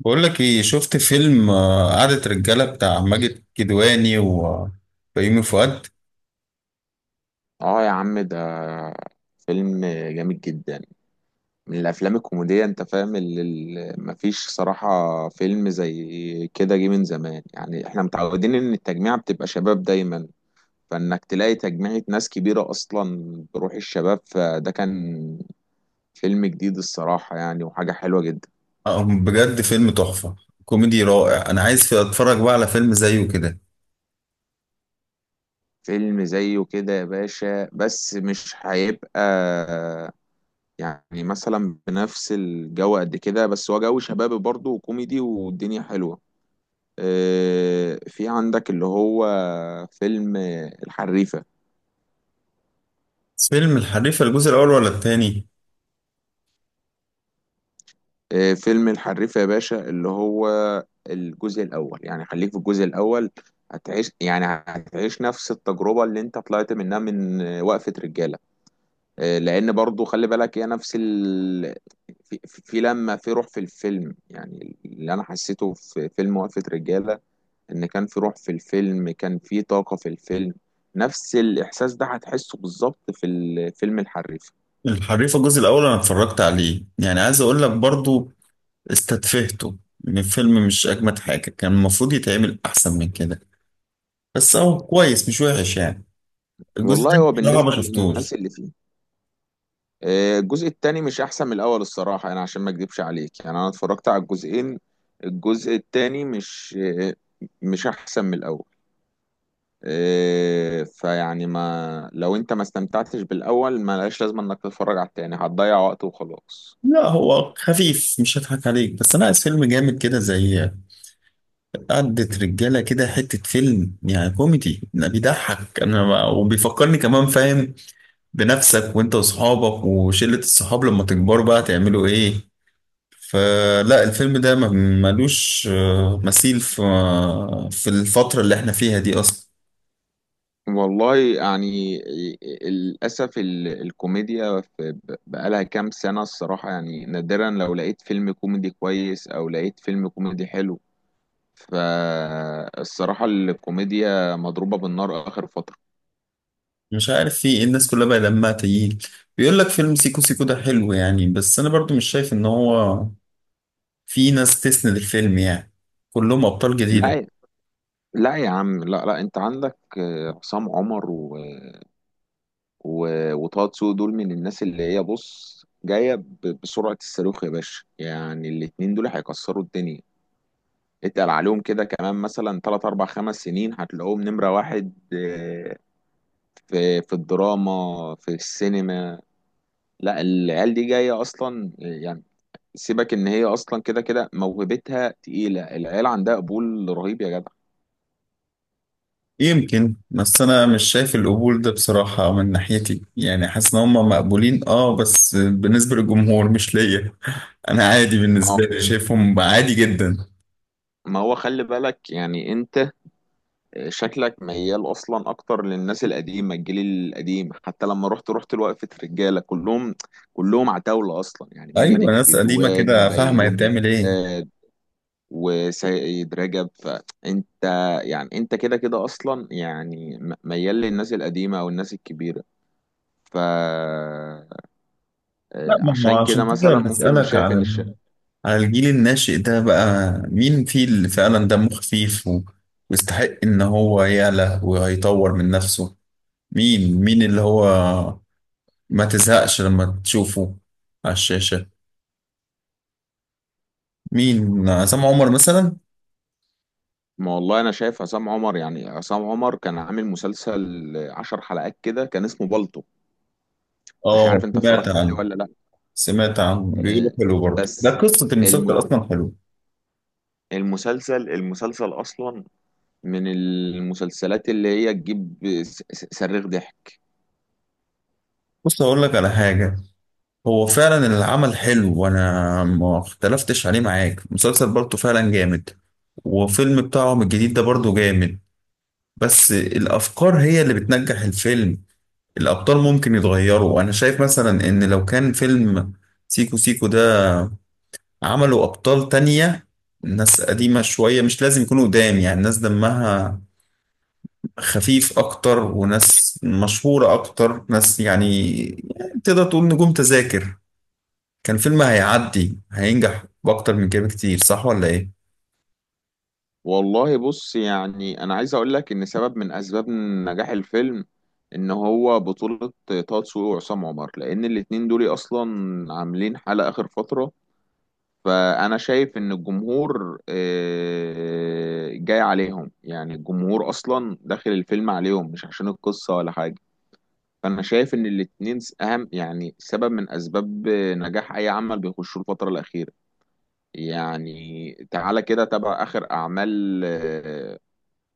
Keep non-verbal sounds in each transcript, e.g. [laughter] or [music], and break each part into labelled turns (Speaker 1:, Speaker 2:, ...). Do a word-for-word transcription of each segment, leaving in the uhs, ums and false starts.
Speaker 1: بقول لك ايه، شفت فيلم آه، قعدة رجالة بتاع ماجد الكدواني وبيومي فؤاد؟
Speaker 2: اه يا عم، ده فيلم جامد جدا، من الافلام الكوميديه. انت فاهم، اللي اللي مفيش صراحه فيلم زي كده جه من زمان. يعني احنا متعودين ان التجميعه بتبقى شباب دايما، فانك تلاقي تجميعه ناس كبيره اصلا بروح الشباب، فده كان فيلم جديد الصراحه يعني، وحاجه حلوه جدا.
Speaker 1: آه، بجد فيلم تحفة، كوميدي رائع. انا عايز اتفرج بقى على فيلم زيه كده.
Speaker 2: فيلم زيه كده يا باشا بس مش هيبقى، يعني مثلا بنفس الجو قد كده، بس هو جو شبابي برضه وكوميدي والدنيا حلوه. آه، في عندك اللي هو فيلم الحريفة.
Speaker 1: فيلم الحريفة الجزء الاول ولا التاني؟
Speaker 2: آه، فيلم الحريفة يا باشا اللي هو الجزء الأول، يعني خليك في الجزء الأول، هتعيش، يعني هتعيش نفس التجربة اللي انت طلعت منها من آه، وقفة رجالة. آه، لأن برضو خلي بالك هي نفس ال... في, في في لما في روح في الفيلم، يعني اللي أنا حسيته في فيلم وقفة رجالة ان كان في روح في الفيلم، كان في طاقة في الفيلم، نفس الاحساس ده هتحسه بالظبط في الفيلم الحريفة.
Speaker 1: الحريفة الجزء الاول انا اتفرجت عليه، يعني عايز اقول لك برضو استتفهته. ان الفيلم مش اجمد حاجة، كان المفروض يتعمل احسن من كده، بس هو كويس مش وحش يعني. الجزء
Speaker 2: والله
Speaker 1: التاني
Speaker 2: هو
Speaker 1: بصراحة ما
Speaker 2: بالنسبة للناس
Speaker 1: شفتوش.
Speaker 2: اللي فيه، آه، الجزء التاني مش احسن من الاول الصراحة، يعني عشان ما اكدبش عليك يعني انا اتفرجت على الجزئين، الجزء التاني مش آه، مش احسن من الاول. آه، فيعني ما لو انت ما استمتعتش بالاول ما لهاش لازمة انك تتفرج على التاني، هتضيع وقت وخلاص.
Speaker 1: لا هو خفيف، مش هضحك عليك، بس انا عايز فيلم جامد كده زي آه، عدت رجالة كده، حتة فيلم يعني كوميدي لا بيضحك أنا ما وبيفكرني كمان، فاهم؟ بنفسك وأنت وأصحابك وشلة الصحاب لما تكبروا بقى تعملوا إيه. فلا الفيلم ده ما- ملوش آه، مثيل في في الفترة اللي إحنا فيها دي أصلا.
Speaker 2: والله يعني، للأسف ال- الكوميديا في- بقالها كام سنة الصراحة، يعني نادرا لو لقيت فيلم كوميدي كويس أو لقيت فيلم كوميدي حلو، فالصراحة الكوميديا مضروبة بالنار آخر فترة.
Speaker 1: مش عارف في إيه، الناس كلها بقى دمها تقيل. بيقول لك فيلم سيكو سيكو ده حلو يعني، بس أنا برضو مش شايف إن هو في ناس تسند الفيلم يعني، كلهم أبطال جديدة.
Speaker 2: لا، لا يا عم، لا، لا، أنت عندك آه، عصام عمر و... و... وطه دسوقي، دول من الناس اللي هي، بص، جاية ب- بسرعة الصاروخ يا باشا، يعني الاتنين دول هيكسروا الدنيا، اتقل عليهم كده كمان مثلا تلات أربع خمس سنين هتلاقوهم نمرة واحد. آه، في في الدراما، في السينما. لا، العيال دي جاية أصلا آه، يعني، سيبك إن هي أصلا كده كده موهبتها تقيلة، العيال عندها قبول رهيب يا جدع.
Speaker 1: يمكن، بس انا مش شايف القبول ده بصراحة من ناحيتي، يعني حاسس ان هم مقبولين اه، بس بالنسبة للجمهور مش ليا. [laughs] انا عادي،
Speaker 2: ما هو
Speaker 1: بالنسبة لي شايفهم عادي جدا.
Speaker 2: ما هو خلي بالك، يعني انت شكلك ميال اصلا اكتر للناس القديمه، الجيل القديم، حتى لما رحت رحت لوقفه رجاله، كلهم كلهم عتاوله اصلا. يعني
Speaker 1: ايوه
Speaker 2: ماجد
Speaker 1: ناس قديمة
Speaker 2: الكدواني،
Speaker 1: كده فاهمة هي
Speaker 2: بيومي
Speaker 1: بتعمل ايه.
Speaker 2: فؤاد، وسيد رجب. فانت يعني انت كده كده اصلا يعني م- ميال للناس القديمه او الناس الكبيره. ف
Speaker 1: لا
Speaker 2: آه،
Speaker 1: ما هو
Speaker 2: عشان كده
Speaker 1: عشان كده
Speaker 2: مثلا ممكن مش
Speaker 1: بسألك
Speaker 2: شايف
Speaker 1: على
Speaker 2: ان الش...
Speaker 1: ال- على الجيل الناشئ ده، بقى مين فيه اللي فعلا دمه خفيف و- ويستحق ان هو يعلى ويطور من نفسه. مين مين اللي هو ما تزهقش لما تشوفه على الشاشة؟ مين، عصام عمر مثلا؟
Speaker 2: ما والله انا شايف عصام عمر. يعني عصام عمر كان عامل مسلسل عشر حلقات كده، كان اسمه بالطو، مش عارف
Speaker 1: اه
Speaker 2: انت
Speaker 1: سمعت
Speaker 2: اتفرجت عليه
Speaker 1: عنه.
Speaker 2: ولا لا.
Speaker 1: سمعت عنه، بيقولوا
Speaker 2: آه،
Speaker 1: حلو برضه، ده
Speaker 2: بس
Speaker 1: قصة المسلسل
Speaker 2: الم...
Speaker 1: أصلا حلو.
Speaker 2: المسلسل المسلسل اصلا من المسلسلات اللي هي تجيب س- س- صريخ ضحك.
Speaker 1: بص أقول لك على حاجة، هو فعلا العمل حلو وأنا ما اختلفتش عليه معاك، المسلسل برضه فعلا جامد، وفيلم بتاعهم الجديد ده برضه جامد. بس الأفكار هي اللي بتنجح الفيلم، الأبطال ممكن يتغيروا. أنا شايف مثلا إن لو كان فيلم سيكو سيكو ده عملوا أبطال تانية، ناس قديمة شوية، مش لازم يكونوا قدام يعني، ناس دمها خفيف اكتر وناس مشهورة اكتر، ناس يعني يعني تقدر تقول نجوم تذاكر، كان فيلم هيعدي هينجح باكتر من كده بكتير، صح ولا ايه؟
Speaker 2: والله بص، يعني انا عايز اقول لك ان سبب من اسباب نجاح الفيلم ان هو بطولة طه دسوقي وعصام عمر، لان الاتنين دول اصلا عاملين حالة اخر فترة. فانا شايف ان الجمهور آه، جاي عليهم، يعني الجمهور اصلا داخل الفيلم عليهم مش عشان القصة ولا حاجة. فانا شايف ان الاتنين اهم يعني سبب من اسباب نجاح اي عمل بيخشوه الفترة الاخيرة. يعني تعالى كده تابع آخر أعمال آه،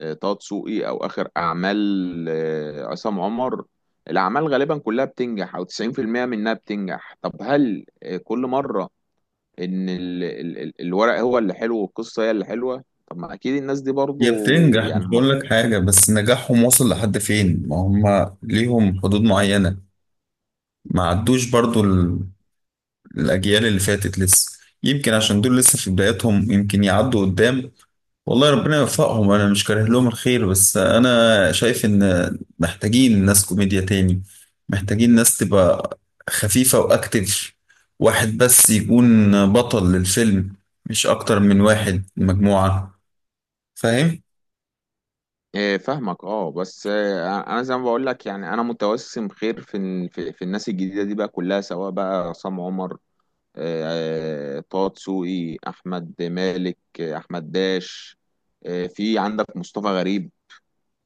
Speaker 2: آه، طه دسوقي، او اخر اعمال آه، عصام عمر، الاعمال غالبا كلها بتنجح، او تسعين في المية منها بتنجح. طب هل آه، كل مره ان ال- ال- ال- الورق هو اللي حلو والقصه هي اللي حلوه؟ طب ما اكيد الناس دي
Speaker 1: هي
Speaker 2: برضو
Speaker 1: بتنجح،
Speaker 2: يعني
Speaker 1: مش بقول
Speaker 2: المفروض.
Speaker 1: لك حاجة، بس نجاحهم وصل لحد فين؟ ما هم ليهم حدود معينة، ما عدوش برضو ال- الأجيال اللي فاتت لسه. يمكن عشان دول لسه في بداياتهم يمكن يعدوا قدام، والله ربنا يوفقهم، انا مش كاره لهم الخير، بس انا شايف ان محتاجين ناس كوميديا تاني، محتاجين ناس تبقى خفيفة واكتف، واحد بس يكون بطل للفيلم، مش اكتر من واحد مجموعة، فاهم؟
Speaker 2: آه، فاهمك، اه، بس آه، انا زي ما بقول لك، يعني انا متوسم خير في ال- في في الناس الجديده دي بقى كلها، سواء بقى عصام عمر، آه، آه، طه دسوقي، احمد مالك، آه، احمد داش، آه، في عندك مصطفى غريب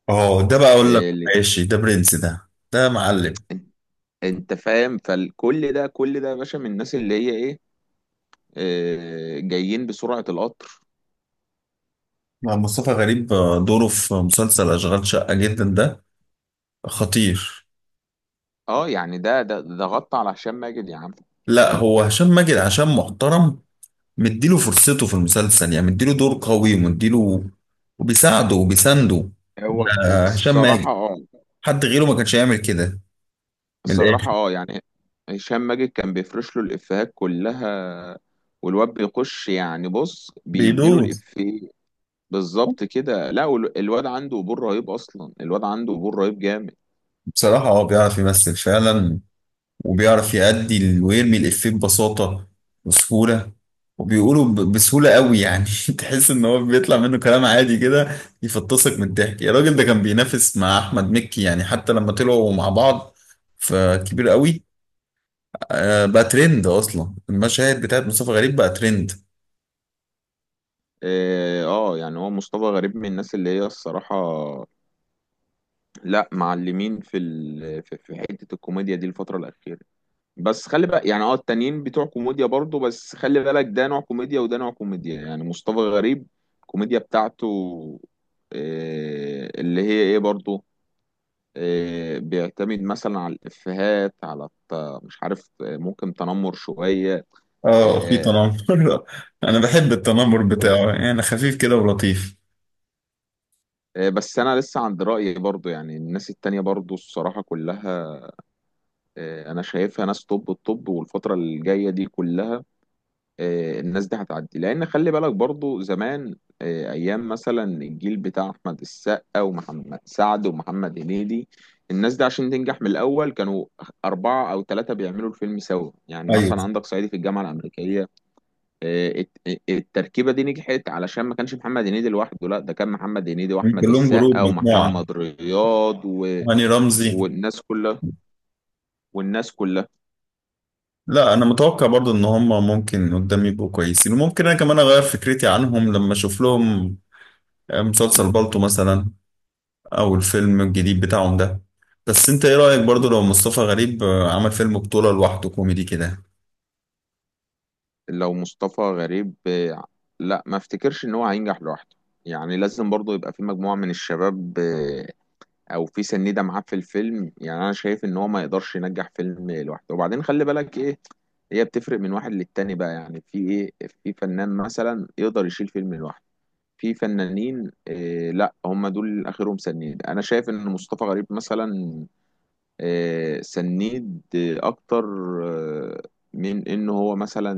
Speaker 1: اه ده بقى اقول لك،
Speaker 2: اللي
Speaker 1: ماشي ده برنس، ده ده معلم.
Speaker 2: انت انت فاهم. فكل ده كل ده يا باشا، من الناس اللي هي ايه، آه، جايين بسرعة القطر.
Speaker 1: مع مصطفى غريب آه، دوره في مسلسل اشغال شقة جدا، ده خطير.
Speaker 2: اه، يعني ده ده ده غطى على هشام ماجد يا عم.
Speaker 1: لا هو هشام ماجد عشان محترم مديله فرصته في المسلسل، يعني مديله دور قوي ومديله، وبيساعده وبيسانده
Speaker 2: هو
Speaker 1: آه، هشام
Speaker 2: الصراحة
Speaker 1: ماجد،
Speaker 2: اه
Speaker 1: حد غيره ما كانش هيعمل كده. من الاخر
Speaker 2: الصراحة اه يعني هشام ماجد كان بيفرش له الإفيهات كلها، والواد بيخش، يعني بص بيديله
Speaker 1: بيدوس.
Speaker 2: الإفيه بالظبط كده. لا، وال- الواد عنده قبول رهيب أصلا، الواد عنده قبول رهيب جامد.
Speaker 1: بصراحة هو بيعرف يمثل فعلا، وبيعرف يأدي ال- ويرمي الإفيه ببساطة وسهولة، وبيقوله ب- بسهولة قوي يعني. [laughs] تحس إن هو بيطلع منه كلام عادي كده يفطسك من الضحك يا راجل، ده كان بينافس مع أحمد مكي يعني حتى لما طلعوا مع بعض، فكبير قوي. آه، بقى ترند اصلا، المشاهد بتاعت مصطفى غريب بقى ترند.
Speaker 2: اه، آه، يعني هو مصطفى غريب من الناس اللي هي الصراحة لا معلمين في ال... في في حته الكوميديا دي الفتره الاخيره. بس خلي بقى، يعني اه التانيين بتوع كوميديا برضو، بس خلي بالك ده نوع كوميديا وده نوع كوميديا. يعني مصطفى غريب الكوميديا بتاعته آه، اللي هي ايه برضو، آه، بيعتمد مثلا على الافيهات، على الت- مش عارف، آه، ممكن تنمر شويه.
Speaker 1: اه في
Speaker 2: آه،
Speaker 1: تنمر. [laughs] انا بحب التنمر
Speaker 2: بس
Speaker 1: بتاعه يعني، خفيف كده ولطيف.
Speaker 2: آه، بس انا لسه عند رايي برضو، يعني الناس التانية برضو الصراحه كلها آه، انا شايفها ناس طب الطب، والفتره الجايه دي كلها آه، الناس دي هتعدي، لان خلي بالك برضو زمان آه، ايام مثلا الجيل بتاع احمد السقا ومحمد سعد ومحمد هنيدي، الناس دي عشان تنجح من الاول كانوا اربعه او ثلاثه بيعملوا الفيلم سوا. يعني
Speaker 1: ايوه
Speaker 2: مثلا عندك صعيدي في الجامعه الامريكيه، آه، الت- التركيبه دي نجحت علشان ما كانش محمد هنيدي لوحده، لا ده كان محمد هنيدي
Speaker 1: من
Speaker 2: واحمد
Speaker 1: كلهم
Speaker 2: السقا
Speaker 1: جروب، مجموعه،
Speaker 2: ومحمد رياض و...
Speaker 1: هاني رمزي.
Speaker 2: والناس كلها والناس
Speaker 1: لا انا متوقع برضو ان هم ممكن قدام يبقوا كويسين، وممكن انا كمان اغير فكرتي عنهم لما اشوف لهم آه، مسلسل
Speaker 2: كلها
Speaker 1: بالطو مثلا، او الفيلم الجديد بتاعهم ده. بس انت ايه رايك برضو لو مصطفى غريب آه، عمل فيلم بطوله لوحده كوميدي كده؟
Speaker 2: لو مصطفى غريب آه، لا، ما افتكرش ان هو هينجح لوحده، يعني لازم برضه يبقى في مجموعة من الشباب آه، او في سنيدة معاه في الفيلم. يعني انا شايف ان هو ما يقدرش ينجح فيلم لوحده، وبعدين خلي بالك ايه، هي بتفرق من واحد للتاني بقى، يعني في ايه، في فنان مثلا يقدر يشيل فيلم لوحده، في فنانين إيه، لا هم دول اخرهم سنيد. انا شايف ان مصطفى غريب مثلا إيه، سنيد إيه اكتر آه، من ان هو مثلا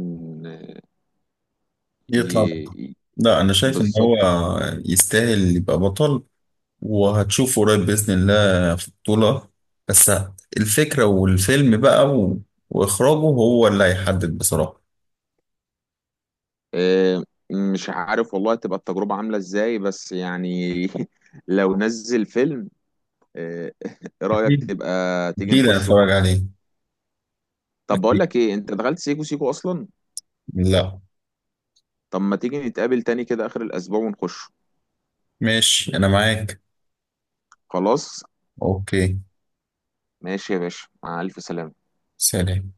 Speaker 1: يطلع.
Speaker 2: ي-
Speaker 1: لا انا شايف ان هو
Speaker 2: بالظبط.
Speaker 1: يستاهل يبقى بطل، وهتشوفه قريب باذن الله في بطوله، بس الفكره والفيلم بقى و... واخراجه هو اللي هيحدد بصراحه.
Speaker 2: آه، مش عارف والله تبقى التجربة عاملة ازاي، بس يعني [laughs] لو نزل فيلم، آه، [laughs] ايه رأيك
Speaker 1: اكيد.
Speaker 2: تبقى تيجي
Speaker 1: اكيد انا
Speaker 2: نخشه؟
Speaker 1: اتفرج عليه.
Speaker 2: طب بقول
Speaker 1: اكيد.
Speaker 2: لك ايه، انت دخلت سيكو سيكو اصلا؟
Speaker 1: لا.
Speaker 2: طب ما تيجي نتقابل تاني كده اخر الاسبوع ونخشه.
Speaker 1: ماشي انا معاك.
Speaker 2: خلاص،
Speaker 1: اوكي.
Speaker 2: ماشي يا باشا، مع الف سلامة.
Speaker 1: سلام.